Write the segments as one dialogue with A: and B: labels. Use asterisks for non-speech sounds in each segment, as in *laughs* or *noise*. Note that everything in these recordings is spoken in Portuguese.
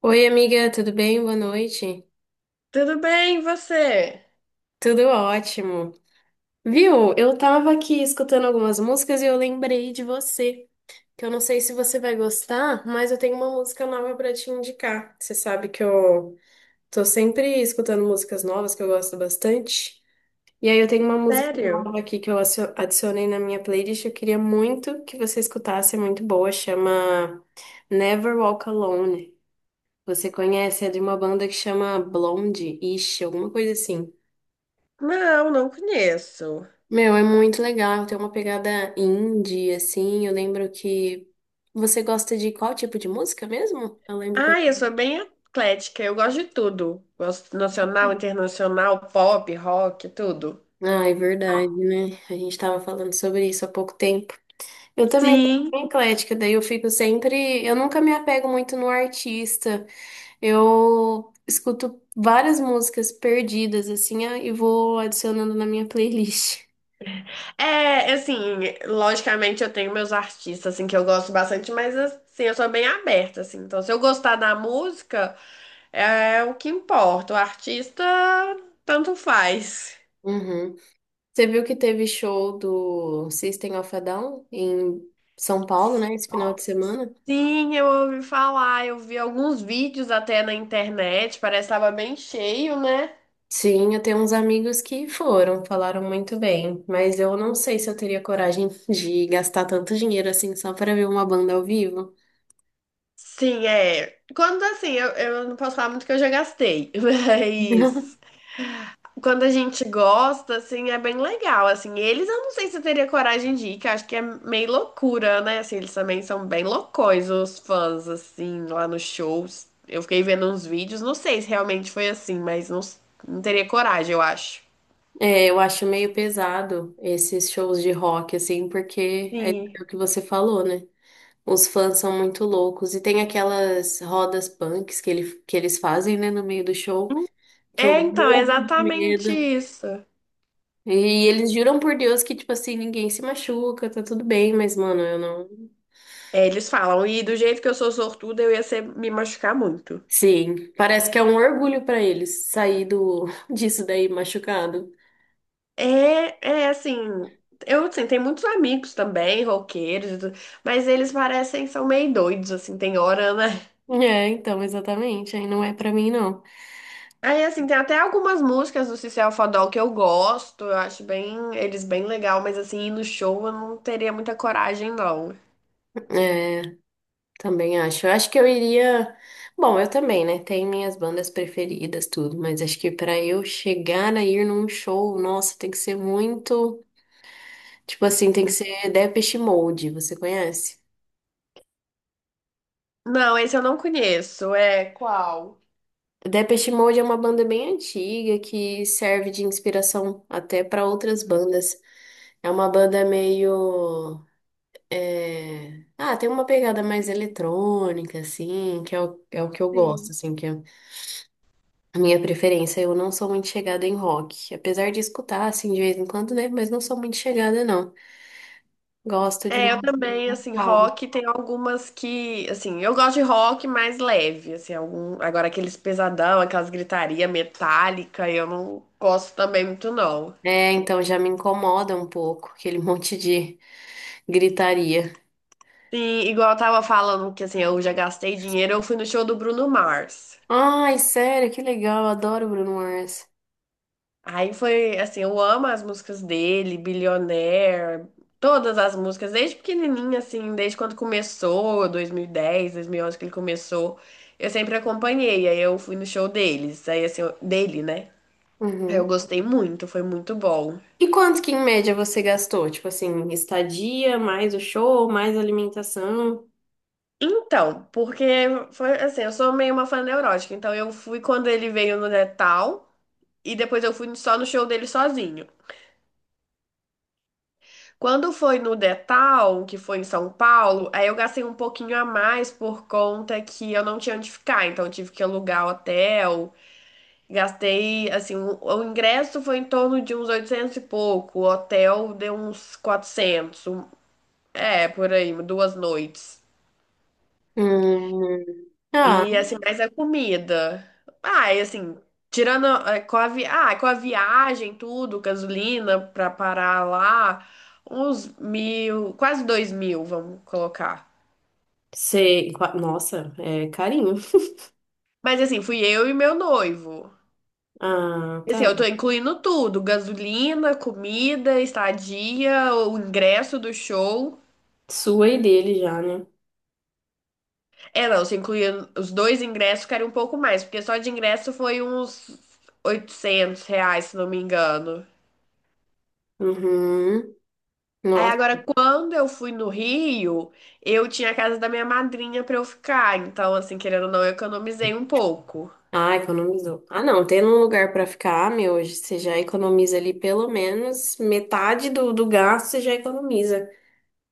A: Oi, amiga, tudo bem? Boa noite.
B: Tudo bem, e você?
A: Tudo ótimo. Viu? Eu tava aqui escutando algumas músicas e eu lembrei de você, que eu não sei se você vai gostar, mas eu tenho uma música nova pra te indicar. Você sabe que eu tô sempre escutando músicas novas que eu gosto bastante. E aí eu tenho uma música
B: Sério?
A: nova aqui que eu adicionei na minha playlist, eu queria muito que você escutasse, é muito boa, chama Never Walk Alone. Você conhece? É de uma banda que chama Blonde, Ish, alguma coisa assim.
B: Não, não conheço.
A: Meu, é muito legal, tem uma pegada indie, assim. Eu lembro que. Você gosta de qual tipo de música mesmo? Eu lembro que eu.
B: Ai, eu sou bem eclética, eu gosto de tudo. Gosto nacional, internacional, pop, rock, tudo.
A: Ah, é verdade, né? A gente tava falando sobre isso há pouco tempo. Eu também sou
B: Sim.
A: bem eclética, daí eu fico sempre. Eu nunca me apego muito no artista. Eu escuto várias músicas perdidas, assim, ah, e vou adicionando na minha playlist.
B: É, assim, logicamente eu tenho meus artistas, assim, que eu gosto bastante, mas, assim, eu sou bem aberta, assim. Então, se eu gostar da música, é o que importa. O artista, tanto faz.
A: Uhum. Você viu que teve show do System of a Down em São Paulo, né, esse final de semana?
B: Sim, eu ouvi falar, eu vi alguns vídeos até na internet, parece que tava bem cheio, né?
A: Sim, eu tenho uns amigos que foram, falaram muito bem, mas eu não sei se eu teria coragem *laughs* de gastar tanto dinheiro assim só para ver uma banda ao vivo.
B: Sim, é. Quando assim, eu não posso falar muito que eu já gastei, *laughs* mas
A: *laughs*
B: quando a gente gosta, assim, é bem legal. Assim, eles eu não sei se eu teria coragem de ir, que eu acho que é meio loucura, né? Assim, eles também são bem loucões, os fãs, assim, lá nos shows. Eu fiquei vendo uns vídeos, não sei se realmente foi assim, mas não, não teria coragem, eu acho.
A: É, eu acho meio pesado esses shows de rock, assim, porque
B: Sim.
A: é o que você falou, né? Os fãs são muito loucos. E tem aquelas rodas punks que eles fazem, né, no meio do show, que
B: É,
A: eu
B: então, é
A: morro de
B: exatamente
A: medo.
B: isso.
A: E eles juram por Deus que, tipo assim, ninguém se machuca, tá tudo bem, mas, mano, eu não.
B: É, eles falam, e do jeito que eu sou sortuda, eu ia ser, me machucar muito.
A: Sim, parece que é um orgulho pra eles sair do, *laughs* disso daí machucado.
B: É, é, assim, eu assim, tenho muitos amigos também, roqueiros, e tudo, mas eles parecem, são meio doidos, assim, tem hora, né?
A: É, então, exatamente. Aí não é pra mim, não.
B: Aí, assim, tem até algumas músicas do Cecil Fadol que eu gosto, eu acho bem, eles bem legal, mas assim, ir no show eu não teria muita coragem, não.
A: É, também acho. Eu acho que eu iria. Bom, eu também, né? Tem minhas bandas preferidas, tudo, mas acho que pra eu chegar a ir num show, nossa, tem que ser muito. Tipo assim, tem que ser Depeche Mode, você conhece?
B: Não, esse eu não conheço, é qual?
A: Depeche Mode é uma banda bem antiga que serve de inspiração até pra outras bandas. É uma banda meio. É, ah, tem uma pegada mais eletrônica, assim, que é o que eu gosto,
B: Sim.
A: assim, que é a minha preferência. Eu não sou muito chegada em rock. Apesar de escutar, assim, de vez em quando, né? Mas não sou muito chegada, não. Gosto de
B: É, eu
A: um
B: também,
A: um
B: assim,
A: calmo.
B: rock tem algumas que, assim, eu gosto de rock mais leve, assim, algum, agora aqueles pesadão, aquelas gritaria metálica, eu não gosto também muito não.
A: É, então já me incomoda um pouco aquele *laughs* monte de gritaria.
B: Sim, igual eu tava falando que, assim, eu já gastei dinheiro, eu fui no show do Bruno Mars.
A: Ai, sério, que legal, adoro Bruno Mars.
B: Aí foi, assim, eu amo as músicas dele, Billionaire, todas as músicas, desde pequenininha, assim, desde quando começou, 2010, onze que ele começou. Eu sempre acompanhei, aí eu fui no show deles, aí assim, dele, né? É, eu
A: Uhum.
B: gostei muito, foi muito bom.
A: E quanto que em média você gastou? Tipo assim, estadia, mais o show, mais alimentação?
B: Então, porque foi assim, eu sou meio uma fã neurótica, então eu fui quando ele veio no Detal e depois eu fui só no show dele sozinho. Quando foi no Detal, que foi em São Paulo, aí eu gastei um pouquinho a mais por conta que eu não tinha onde ficar, então eu tive que alugar hotel. Gastei, assim, o ingresso foi em torno de uns 800 e pouco, o hotel deu uns 400, um- é, por aí, 2 noites.
A: Hum. Ah,
B: E assim, mas a comida. Ah, e assim, tirando com a, com a viagem, tudo, gasolina pra parar lá, uns mil, quase dois mil, vamos colocar.
A: sei. Qua- nossa, é carinho. *laughs*
B: Mas assim, fui eu e meu noivo.
A: Ah,
B: E, assim, eu tô
A: tá.
B: incluindo tudo: gasolina, comida, estadia, o ingresso do show.
A: Sua e dele já, né?
B: É, não, se incluir os dois ingressos, ficaria um pouco mais, porque só de ingresso foi uns R$ 800, se não me engano.
A: Uhum.
B: Aí
A: Nossa.
B: agora, quando eu fui no Rio, eu tinha a casa da minha madrinha pra eu ficar. Então, assim, querendo ou não, eu economizei um pouco.
A: Ah, economizou. Ah, não, tendo um lugar pra ficar, meu, hoje você já economiza ali pelo menos metade do gasto, você já economiza.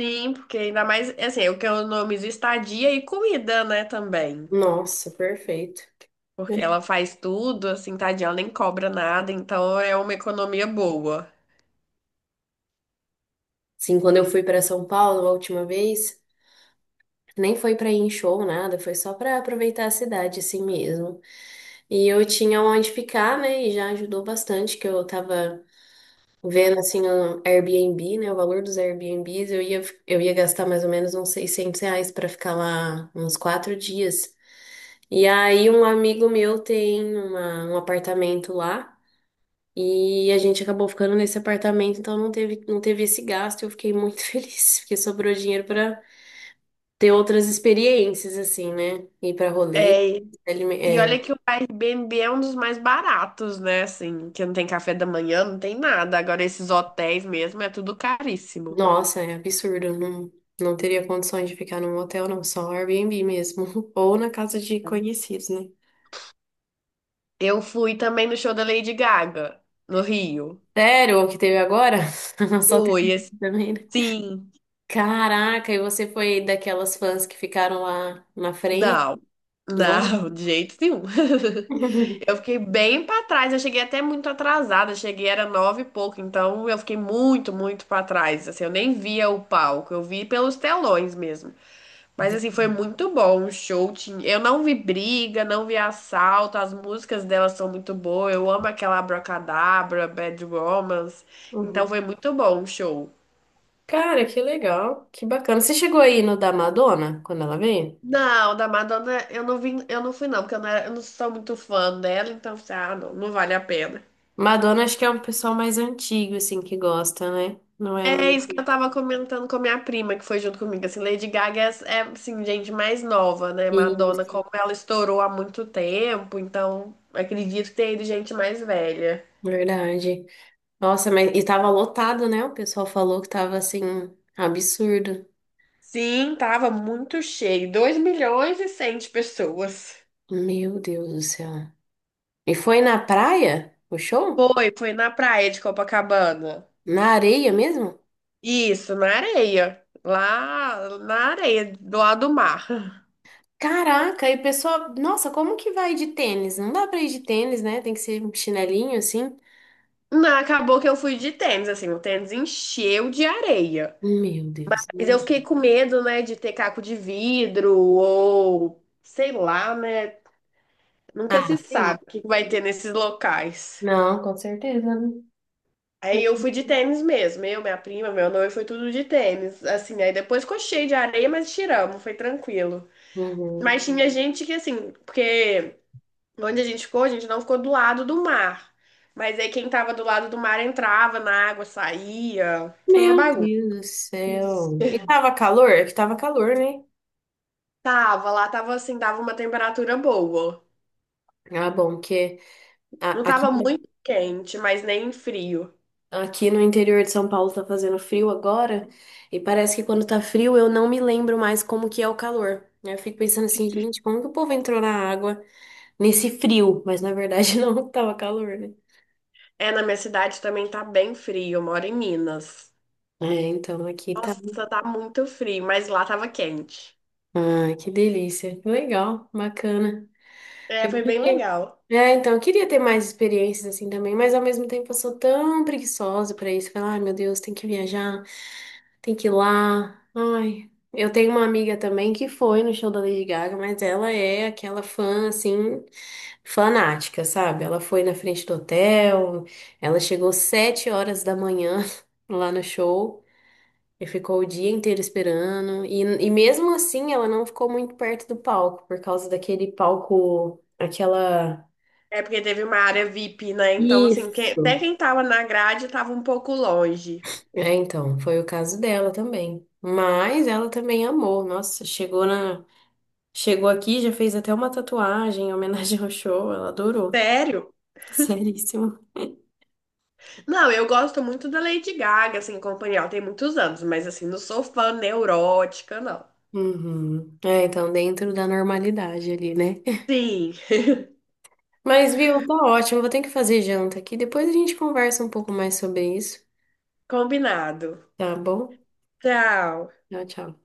B: Sim, porque ainda mais, assim, eu economizo estadia e comida, né, também.
A: Nossa, perfeito.
B: Porque ela faz tudo, assim, tadinha, ela nem cobra nada, então é uma economia boa.
A: Sim, quando eu fui pra São Paulo a última vez, nem foi pra ir em show, nada, foi só pra aproveitar a cidade assim mesmo. E eu tinha onde ficar, né? E já ajudou bastante que eu tava vendo assim um Airbnb, né, o valor dos Airbnbs, eu ia gastar mais ou menos uns 600 reais para ficar lá uns quatro dias. E aí um amigo meu tem um apartamento lá e a gente acabou ficando nesse apartamento, então não teve esse gasto. Eu fiquei muito *laughs* feliz, porque sobrou dinheiro para ter outras experiências assim, né? Ir para rolê,
B: É, e olha que o Airbnb é um dos mais baratos, né, assim, que não tem café da manhã, não tem nada. Agora, esses hotéis mesmo, é tudo caríssimo.
A: nossa, é absurdo. Não, não teria condições de ficar num hotel, não. Só Airbnb mesmo. *laughs* Ou na casa de conhecidos, né?
B: Eu fui também no show da Lady Gaga, no Rio.
A: Sério, o que teve agora? *laughs* Só teve
B: Fui,
A: isso também, né?
B: assim.
A: Caraca, e você foi daquelas fãs que ficaram lá na frente?
B: Não,
A: Não?
B: não, de jeito nenhum.
A: *laughs*
B: *laughs* Eu fiquei bem pra trás, eu cheguei até muito atrasada, cheguei era nove e pouco, então eu fiquei muito, muito pra trás. Assim, eu nem via o palco, eu vi pelos telões mesmo. Mas assim, foi muito bom o show. Eu não vi briga, não vi assalto, as músicas delas são muito boas. Eu amo aquela Abracadabra, Bad Romance. Então
A: Uhum.
B: foi muito bom o show.
A: Cara, que legal, que bacana. Você chegou aí no da Madonna, quando ela veio?
B: Não, da Madonna eu não vim, eu não fui não, porque eu não, eu não sou muito fã dela, então eu falei, ah, não, não vale a pena.
A: Madonna acho que é um pessoal mais antigo, assim, que gosta, né? Não é
B: É isso que
A: muito...
B: eu tava comentando com a minha prima, que foi junto comigo, assim, Lady Gaga é, assim, gente mais nova, né? Madonna,
A: Isso,
B: como ela estourou há muito tempo, então acredito que tenha ido gente mais velha.
A: verdade. Nossa, mas e tava lotado, né? O pessoal falou que tava assim, absurdo.
B: Sim, tava muito cheio, dois milhões e 100 de pessoas.
A: Meu Deus do céu. E foi na praia? O show?
B: Foi, na praia de Copacabana.
A: Na areia mesmo?
B: Isso, na areia, lá na areia, do lado do mar.
A: Caraca, e o pessoal, nossa, como que vai de tênis? Não dá pra ir de tênis, né? Tem que ser um chinelinho assim.
B: Não, acabou que eu fui de tênis, assim, o tênis encheu de areia.
A: Meu Deus.
B: Mas eu fiquei com medo, né, de ter caco de vidro ou sei lá, né? Nunca se
A: Ah, sim.
B: sabe o que vai ter nesses locais.
A: Não, com certeza, né?
B: Aí eu fui de tênis mesmo, eu, minha prima, meu noivo, foi tudo de tênis. Assim, aí depois ficou cheio de areia, mas tiramos, foi tranquilo.
A: Uhum.
B: Mas tinha gente que, assim, porque onde a gente ficou, a gente não ficou do lado do mar. Mas aí quem tava do lado do mar entrava na água, saía. Foi uma
A: Meu
B: bagunça.
A: Deus do céu. E tava calor? É que tava calor, né?
B: Tava lá, tava assim, dava uma temperatura boa.
A: Ah, bom, porque
B: Não
A: aqui,
B: tava muito quente, mas nem frio.
A: aqui no interior de São Paulo tá fazendo frio agora, e parece que quando tá frio eu não me lembro mais como que é o calor. Aí eu fico pensando assim, gente, como que o povo entrou na água nesse frio? Mas na verdade *laughs* não tava calor, né?
B: É, na minha cidade também tá bem frio, eu moro em Minas.
A: É, então aqui tá.
B: Nossa, tá muito frio, mas lá tava quente.
A: Ah, que delícia. Legal, bacana.
B: É,
A: Eu
B: foi bem
A: queria...
B: legal.
A: É, então, eu queria ter mais experiências assim também, mas ao mesmo tempo eu sou tão preguiçosa pra isso. Falar, ai meu Deus, tem que viajar. Tem que ir lá. Ai, eu tenho uma amiga também que foi no show da Lady Gaga, mas ela é aquela fã, assim, fanática, sabe? Ela foi na frente do hotel, ela chegou 7 horas da manhã *laughs* lá no show e ficou o dia inteiro esperando. E mesmo assim, ela não ficou muito perto do palco, por causa daquele palco, aquela.
B: É porque teve uma área VIP, né? Então, assim, até
A: Isso.
B: quem tava na grade tava um pouco longe.
A: É, então, foi o caso dela também. Mas ela também amou. Nossa, chegou na. Chegou aqui, já fez até uma tatuagem em homenagem ao show, ela adorou.
B: Sério?
A: *laughs* Seríssimo.
B: Não, eu gosto muito da Lady Gaga, assim, companhia, ela tem muitos anos, mas assim, não sou fã neurótica, não.
A: Uhum. É, então dentro da normalidade ali, né?
B: Sim,
A: Mas, viu, tá ótimo. Vou ter que fazer janta aqui. Depois a gente conversa um pouco mais sobre isso,
B: combinado.
A: tá bom?
B: Tchau.
A: Tchau, tchau.